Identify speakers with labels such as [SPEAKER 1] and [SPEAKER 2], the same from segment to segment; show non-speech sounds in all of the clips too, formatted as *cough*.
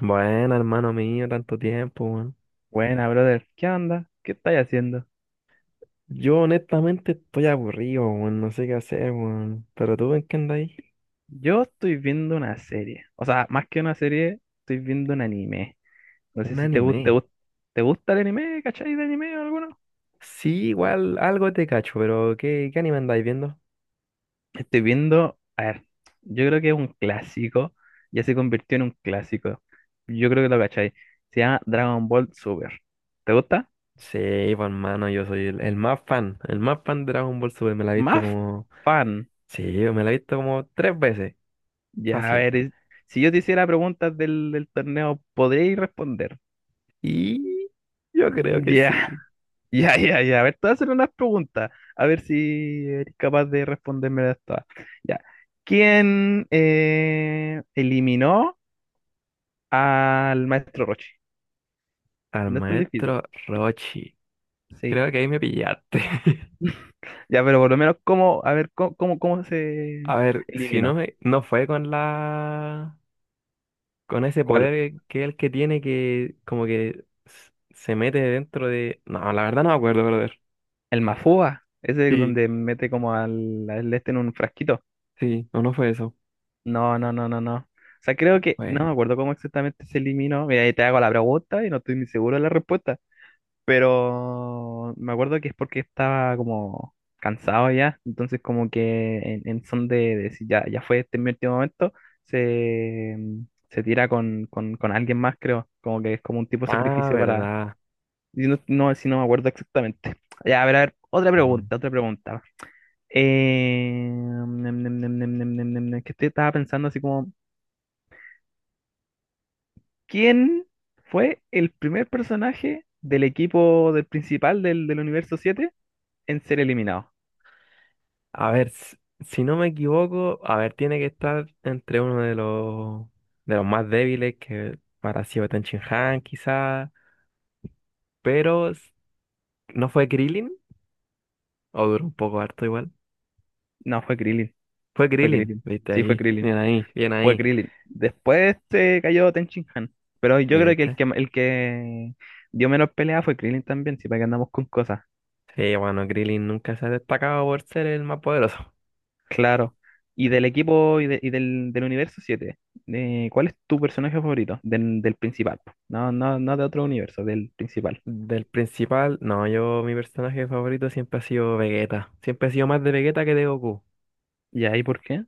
[SPEAKER 1] Bueno, hermano mío, tanto tiempo, weón.
[SPEAKER 2] Buena, brother. ¿Qué onda? ¿Qué estáis haciendo?
[SPEAKER 1] Yo honestamente estoy aburrido, weón, no sé qué hacer, weón. ¿Pero tú en qué andáis?
[SPEAKER 2] Yo estoy viendo una serie. O sea, más que una serie, estoy viendo un anime. No sé
[SPEAKER 1] Un
[SPEAKER 2] si te gusta, te
[SPEAKER 1] anime.
[SPEAKER 2] gusta, te gusta el anime, ¿cachai? ¿De anime o alguno?
[SPEAKER 1] Sí, igual algo te cacho, pero ¿qué anime andáis viendo?
[SPEAKER 2] Estoy viendo, a ver, yo creo que es un clásico. Ya se convirtió en un clásico. Yo creo que lo cachai. Se llama Dragon Ball Super. ¿Te gusta?
[SPEAKER 1] Sí, pues hermano, yo soy el más fan, el más fan de Dragon Ball Super, me la he visto
[SPEAKER 2] Más
[SPEAKER 1] como...
[SPEAKER 2] fan.
[SPEAKER 1] Sí, me la he visto como tres veces,
[SPEAKER 2] Ya, a
[SPEAKER 1] fácil.
[SPEAKER 2] ver, si yo te hiciera preguntas del torneo, ¿podríais responder?
[SPEAKER 1] Y yo creo que
[SPEAKER 2] Ya,
[SPEAKER 1] sí,
[SPEAKER 2] ya. A ver, te voy a hacer unas preguntas. A ver si eres capaz de responderme todas. Ya. ¿Quién eliminó al maestro Rochi?
[SPEAKER 1] al
[SPEAKER 2] No es tan difícil.
[SPEAKER 1] maestro Rochi.
[SPEAKER 2] Sí.
[SPEAKER 1] Creo que ahí me pillaste.
[SPEAKER 2] Ya, pero por lo menos, ¿cómo? A ver, ¿cómo
[SPEAKER 1] *laughs*
[SPEAKER 2] se
[SPEAKER 1] A ver, si no
[SPEAKER 2] eliminó?
[SPEAKER 1] me... No fue con la... con ese
[SPEAKER 2] ¿Cuál?
[SPEAKER 1] poder que es el que tiene que como que se mete dentro de... No, la verdad no me acuerdo, brother.
[SPEAKER 2] ¿El Mafúa? Ese es
[SPEAKER 1] Sí,
[SPEAKER 2] donde mete como al este en un frasquito.
[SPEAKER 1] sí, no, no fue eso.
[SPEAKER 2] No. O sea, creo que no
[SPEAKER 1] Fue...
[SPEAKER 2] me acuerdo cómo exactamente se eliminó. Mira, ahí te hago la pregunta y no estoy ni seguro de la respuesta. Pero me acuerdo que es porque estaba como cansado ya, entonces como que en son de decir ya, ya fue, este es mi último momento, se, se tira con alguien más, creo, como que es como un tipo de
[SPEAKER 1] Ah,
[SPEAKER 2] sacrificio para...
[SPEAKER 1] verdad.
[SPEAKER 2] y no, no, si no me acuerdo exactamente. *laughs* Ya, a ver, otra
[SPEAKER 1] Bueno.
[SPEAKER 2] pregunta, otra pregunta. Nem, nem, nem, nem, nem, nem, nem, nem, que estaba pensando así como, ¿quién fue el primer personaje del equipo del principal del universo 7 en ser eliminado?
[SPEAKER 1] A ver, si no me equivoco, a ver, tiene que estar entre uno de los más débiles que para sido Shin-Han quizás, pero ¿no fue Krillin? O duró un poco harto igual.
[SPEAKER 2] No, fue Krillin.
[SPEAKER 1] Fue
[SPEAKER 2] Fue
[SPEAKER 1] Krillin,
[SPEAKER 2] Krillin.
[SPEAKER 1] viste
[SPEAKER 2] Sí, fue
[SPEAKER 1] ahí,
[SPEAKER 2] Krillin.
[SPEAKER 1] bien ahí, bien
[SPEAKER 2] Fue
[SPEAKER 1] ahí.
[SPEAKER 2] Krillin. Después se cayó Ten Shin Han. Pero
[SPEAKER 1] Sí,
[SPEAKER 2] yo creo que el
[SPEAKER 1] viste.
[SPEAKER 2] que, el que dio menos pelea fue Krillin también, si para que andamos con cosas.
[SPEAKER 1] Sí, bueno, Krillin nunca se ha destacado por ser el más poderoso.
[SPEAKER 2] Claro. Y del equipo y del universo siete, ¿cuál es tu personaje favorito? Del, del principal. No, no, no de otro universo, del principal.
[SPEAKER 1] Del principal, no, yo mi personaje favorito siempre ha sido Vegeta. Siempre he sido más de Vegeta que de Goku.
[SPEAKER 2] ¿Y ahí por qué?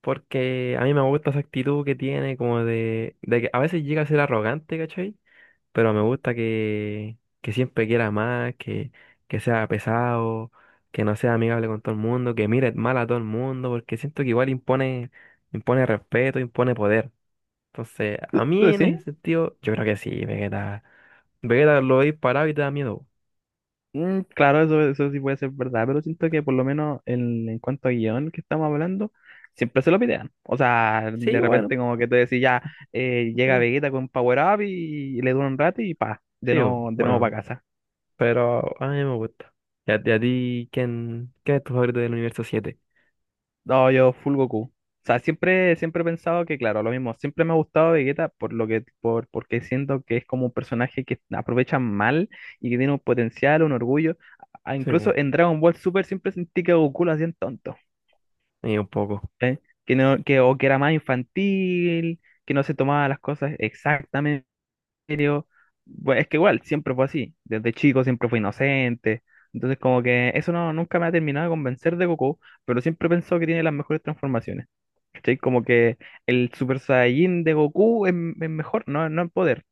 [SPEAKER 1] Porque a mí me gusta esa actitud que tiene, como de que a veces llega a ser arrogante, ¿cachai? Pero me gusta que siempre quiera más, que sea pesado, que no sea amigable con todo el mundo, que mire mal a todo el mundo, porque siento que igual impone, impone respeto, impone poder. Entonces,
[SPEAKER 2] ¿Tú,
[SPEAKER 1] a
[SPEAKER 2] tú
[SPEAKER 1] mí en
[SPEAKER 2] decís?
[SPEAKER 1] ese sentido, yo creo que sí, Vegeta. Vegeta lo veis parado y te da miedo.
[SPEAKER 2] Mm, claro, eso sí puede ser verdad, pero siento que por lo menos en cuanto a guión que estamos hablando, siempre se lo pidean. O sea,
[SPEAKER 1] Sí,
[SPEAKER 2] de
[SPEAKER 1] bueno.
[SPEAKER 2] repente como que te decís ya, llega
[SPEAKER 1] Eh,
[SPEAKER 2] Vegeta con Power Up y le dura un rato y pa, de
[SPEAKER 1] sí,
[SPEAKER 2] nuevo, de nuevo para
[SPEAKER 1] bueno,
[SPEAKER 2] casa.
[SPEAKER 1] pero a mí me gusta. ¿Y a ti quién, qué es tu favorito del universo siete?
[SPEAKER 2] No, yo full Goku. O sea, siempre he pensado que, claro, lo mismo, siempre me ha gustado Vegeta por lo que, por, porque siento que es como un personaje que aprovecha mal y que tiene un potencial, un orgullo. Ah,
[SPEAKER 1] Sí, po.
[SPEAKER 2] incluso en Dragon Ball Super siempre sentí que Goku lo hacían tonto.
[SPEAKER 1] Y un poco,
[SPEAKER 2] ¿Cachai? Que no, que, o que era más infantil, que no se tomaba las cosas exactamente en serio. Bueno, es que igual, siempre fue así. Desde chico siempre fue inocente. Entonces, como que eso no, nunca me ha terminado de convencer de Goku, pero siempre pensó que tiene las mejores transformaciones. ¿Cachai? Como que el Super Saiyajin de Goku es mejor, no, no en poder,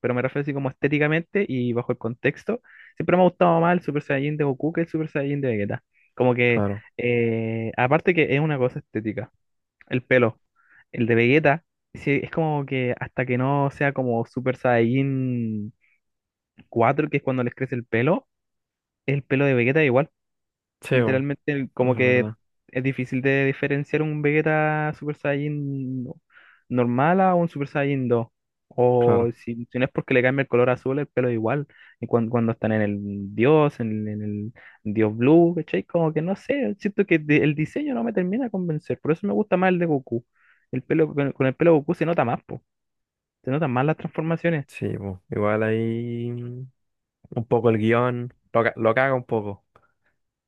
[SPEAKER 2] pero me refiero así como estéticamente y bajo el contexto. Siempre me ha gustado más el Super Saiyajin de Goku que el Super Saiyajin de Vegeta. Como que,
[SPEAKER 1] claro.
[SPEAKER 2] aparte que es una cosa estética el pelo. El de Vegeta, sí, es como que hasta que no sea como Super Saiyajin cuatro, que es cuando les crece el pelo de Vegeta igual
[SPEAKER 1] Sí, po.
[SPEAKER 2] literalmente,
[SPEAKER 1] Eso
[SPEAKER 2] como
[SPEAKER 1] es
[SPEAKER 2] que
[SPEAKER 1] verdad,
[SPEAKER 2] es difícil de diferenciar un Vegeta Super Saiyan normal a un Super Saiyan 2. O
[SPEAKER 1] claro.
[SPEAKER 2] si, si no es porque le cambia el color azul, el pelo igual. Y cuando están en el Dios, en el Dios Blue, ¿cachai? Como que no sé, siento que el diseño no me termina de convencer. Por eso me gusta más el de Goku. El pelo, con el pelo Goku se nota más, po. Se notan más las transformaciones.
[SPEAKER 1] Sí, po. Igual ahí un poco el guión, lo caga un poco,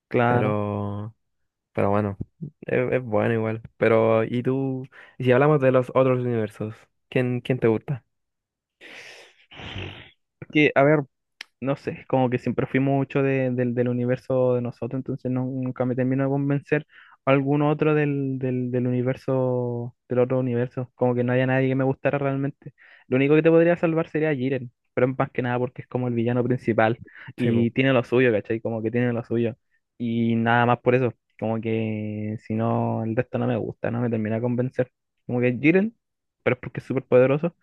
[SPEAKER 2] Claro.
[SPEAKER 1] pero, pero bueno, es bueno igual. Pero, ¿y tú? Y si hablamos de los otros universos, ¿quién te gusta?
[SPEAKER 2] Que, a ver, no sé, como que siempre fui mucho del del universo de nosotros, entonces nunca me termino de convencer algún otro del universo, del otro universo, como que no haya nadie que me gustara realmente. Lo único que te podría salvar sería Jiren, pero más que nada porque es como el villano principal
[SPEAKER 1] Sí, po.
[SPEAKER 2] y tiene lo suyo, ¿cachai? Como que tiene lo suyo. Y nada más por eso, como que si no, el resto no me gusta, no me termina de convencer. Como que Jiren, pero es porque es súper poderoso.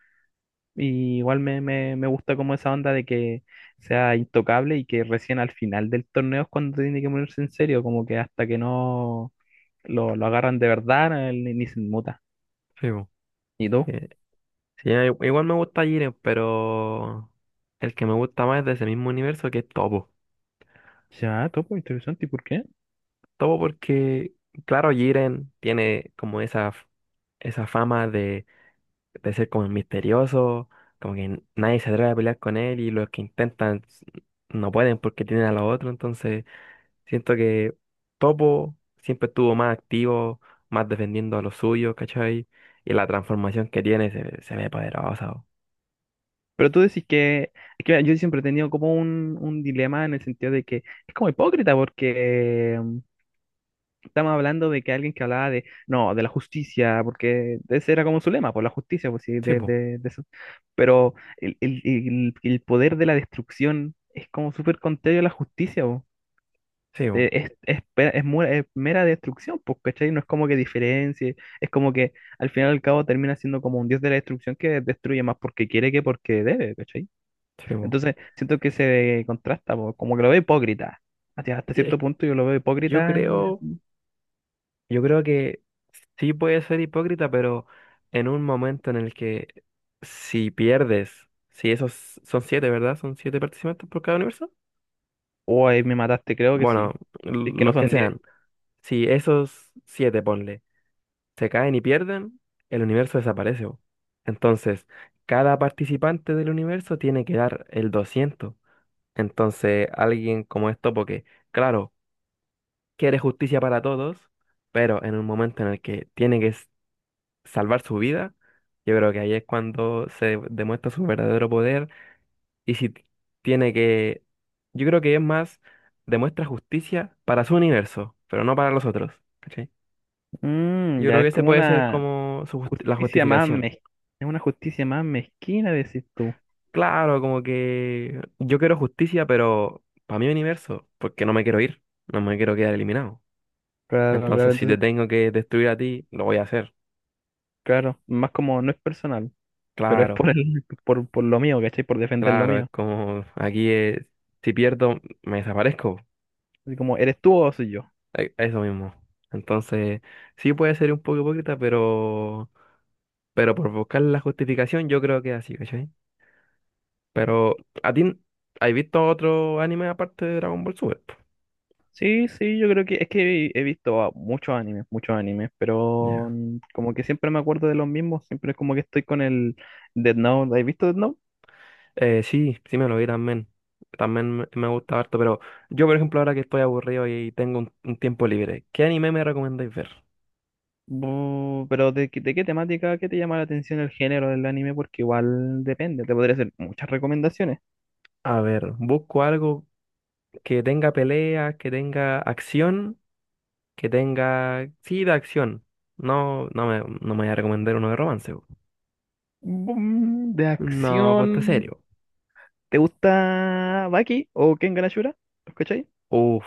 [SPEAKER 2] Y igual me gusta como esa onda de que sea intocable y que recién al final del torneo es cuando tiene que ponerse en serio, como que hasta que no lo agarran de verdad, él ni se inmuta.
[SPEAKER 1] Sí, po.
[SPEAKER 2] ¿Y tú?
[SPEAKER 1] Sí, igual me gusta Jiren, pero el que me gusta más es de ese mismo universo que es Topo.
[SPEAKER 2] Ya, topo, interesante, ¿y por qué?
[SPEAKER 1] Topo porque, claro, Jiren tiene como esa, esa fama de ser como misterioso, como que nadie se atreve a pelear con él y los que intentan no pueden porque tienen a los otros, entonces siento que Topo siempre estuvo más activo, más defendiendo a los suyos, ¿cachai? Y la transformación que tiene se, se ve poderosa, po.
[SPEAKER 2] Pero tú decís que, es que mira, yo siempre he tenido como un dilema en el sentido de que es como hipócrita porque estamos hablando de que alguien que hablaba de, no, de la justicia, porque ese era como su lema, por la justicia, pues sí,
[SPEAKER 1] Sí,
[SPEAKER 2] de,
[SPEAKER 1] po,
[SPEAKER 2] de eso. Pero el poder de la destrucción es como súper contrario a la justicia, po.
[SPEAKER 1] sí, po,
[SPEAKER 2] Es, es es mera destrucción, pues, ¿cachai? No es como que diferencie, es como que al final y al cabo termina siendo como un dios de la destrucción que destruye más porque quiere que porque debe, ¿cachai?
[SPEAKER 1] sí,
[SPEAKER 2] Entonces siento que se contrasta, po, como que lo veo hipócrita. Hasta
[SPEAKER 1] po.
[SPEAKER 2] cierto punto yo lo veo
[SPEAKER 1] Yo
[SPEAKER 2] hipócrita.
[SPEAKER 1] creo, yo creo que sí puede ser hipócrita, pero en un momento en el que si pierdes, si esos son siete, ¿verdad? Son siete participantes por cada universo.
[SPEAKER 2] Oh, ahí me mataste, creo que sí.
[SPEAKER 1] Bueno,
[SPEAKER 2] Si es que no
[SPEAKER 1] los que
[SPEAKER 2] son diez.
[SPEAKER 1] sean. Si esos siete, ponle, se caen y pierden, el universo desaparece, bo. Entonces, cada participante del universo tiene que dar el 200. Entonces, alguien como esto, porque, claro, quiere justicia para todos, pero en un momento en el que tiene que salvar su vida, yo creo que ahí es cuando se demuestra su verdadero poder y si tiene que, yo creo que es más, demuestra justicia para su universo, pero no para los otros, ¿cachai?
[SPEAKER 2] Mm,
[SPEAKER 1] Yo creo
[SPEAKER 2] ya
[SPEAKER 1] que
[SPEAKER 2] es
[SPEAKER 1] ese
[SPEAKER 2] como
[SPEAKER 1] puede ser
[SPEAKER 2] una
[SPEAKER 1] como su la
[SPEAKER 2] justicia más
[SPEAKER 1] justificación.
[SPEAKER 2] mez... es una justicia más mezquina, decís tú.
[SPEAKER 1] Claro, como que yo quiero justicia, pero para mi universo, porque no me quiero ir, no me quiero quedar eliminado.
[SPEAKER 2] Claro, claro,
[SPEAKER 1] Entonces, si te
[SPEAKER 2] entonces,
[SPEAKER 1] tengo que destruir a ti, lo voy a hacer.
[SPEAKER 2] claro, más como no es personal, pero es
[SPEAKER 1] Claro,
[SPEAKER 2] por el, por lo mío, ¿cachai? Por defender lo
[SPEAKER 1] claro, es
[SPEAKER 2] mío.
[SPEAKER 1] como aquí es, si pierdo, me desaparezco.
[SPEAKER 2] Así como, ¿eres tú o soy yo?
[SPEAKER 1] Eso mismo. Entonces, sí puede ser un poco hipócrita, pero por buscar la justificación yo creo que es así, ¿cachai? Pero, ¿a ti has visto otro anime aparte de Dragon Ball Super?
[SPEAKER 2] Sí, sí, yo creo que es que he visto ah, muchos animes, pero
[SPEAKER 1] Ya.
[SPEAKER 2] mm, como que siempre me acuerdo de los mismos, siempre es como que estoy con el Death Note. ¿Has visto Death Note?
[SPEAKER 1] Sí, sí me lo vi también. También me gusta harto, pero yo, por ejemplo, ahora que estoy aburrido y tengo un tiempo libre, ¿qué anime me recomendáis ver?
[SPEAKER 2] Pero ¿de, de qué temática, qué te llama la atención el género del anime? Porque igual depende, te podría hacer muchas recomendaciones.
[SPEAKER 1] A ver, busco algo que tenga peleas, que tenga acción, que tenga... Sí, de acción. No, no me voy a recomendar uno de romance.
[SPEAKER 2] De
[SPEAKER 1] No, ponte
[SPEAKER 2] acción,
[SPEAKER 1] serio.
[SPEAKER 2] ¿te gusta Baki o Kengan Ashura? ¿Los cachai?
[SPEAKER 1] Uf,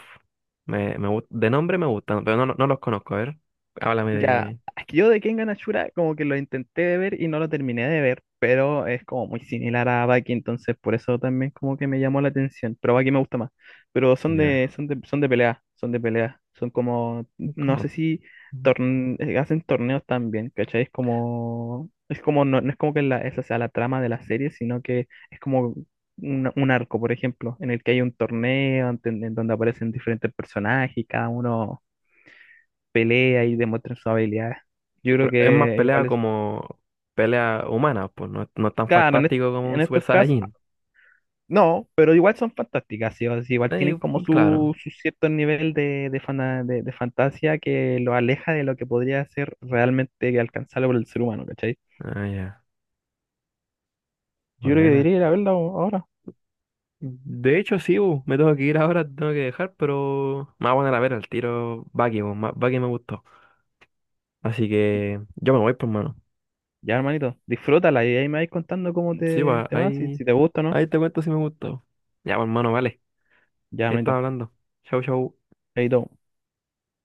[SPEAKER 1] de nombre me gustan, pero no los conozco. A ver, háblame
[SPEAKER 2] Ya,
[SPEAKER 1] de...
[SPEAKER 2] es que yo de Kengan Ashura como que lo intenté de ver y no lo terminé de ver, pero es como muy similar a Baki, entonces por eso también como que me llamó la atención, pero Baki me gusta más. Pero son
[SPEAKER 1] Ya.
[SPEAKER 2] de, son de pelea, son de pelea, son como, no
[SPEAKER 1] como-
[SPEAKER 2] sé si hacen torneos también, ¿cachai? Es como, no, no es como que la, esa sea la trama de la serie, sino que es como un arco, por ejemplo, en el que hay un torneo en donde aparecen diferentes personajes y cada uno pelea y demuestren sus habilidades. Yo creo
[SPEAKER 1] pero es más
[SPEAKER 2] que
[SPEAKER 1] pelea
[SPEAKER 2] igual es,
[SPEAKER 1] como pelea humana, pues no, no es tan
[SPEAKER 2] claro, en,
[SPEAKER 1] fantástico como un
[SPEAKER 2] en
[SPEAKER 1] Super
[SPEAKER 2] estos casos,
[SPEAKER 1] Saiyajin.
[SPEAKER 2] no, pero igual son fantásticas, ¿sí? O sea, igual
[SPEAKER 1] Eh,
[SPEAKER 2] tienen como
[SPEAKER 1] claro.
[SPEAKER 2] su cierto nivel de, de fantasía que lo aleja de lo que podría ser realmente alcanzable por el ser humano, ¿cachai?
[SPEAKER 1] Ah, ya.
[SPEAKER 2] Yo creo que
[SPEAKER 1] Buena.
[SPEAKER 2] debería ir a verla ahora.
[SPEAKER 1] De hecho, sí, bu, me tengo que ir ahora, tengo que dejar, pero me voy a poner a ver el tiro Baki, bu, Baki me gustó. Así que yo me voy, pues, hermano.
[SPEAKER 2] Ya, hermanito, disfrútala y ahí me vais contando cómo
[SPEAKER 1] Sí,
[SPEAKER 2] te,
[SPEAKER 1] va,
[SPEAKER 2] te va, si, si te gusta o no.
[SPEAKER 1] ahí te cuento si me gustó. Ya, pues, hermano, vale.
[SPEAKER 2] Ya,
[SPEAKER 1] Ahí
[SPEAKER 2] hermanito,
[SPEAKER 1] estaba hablando. Chau, chau.
[SPEAKER 2] ahí todo.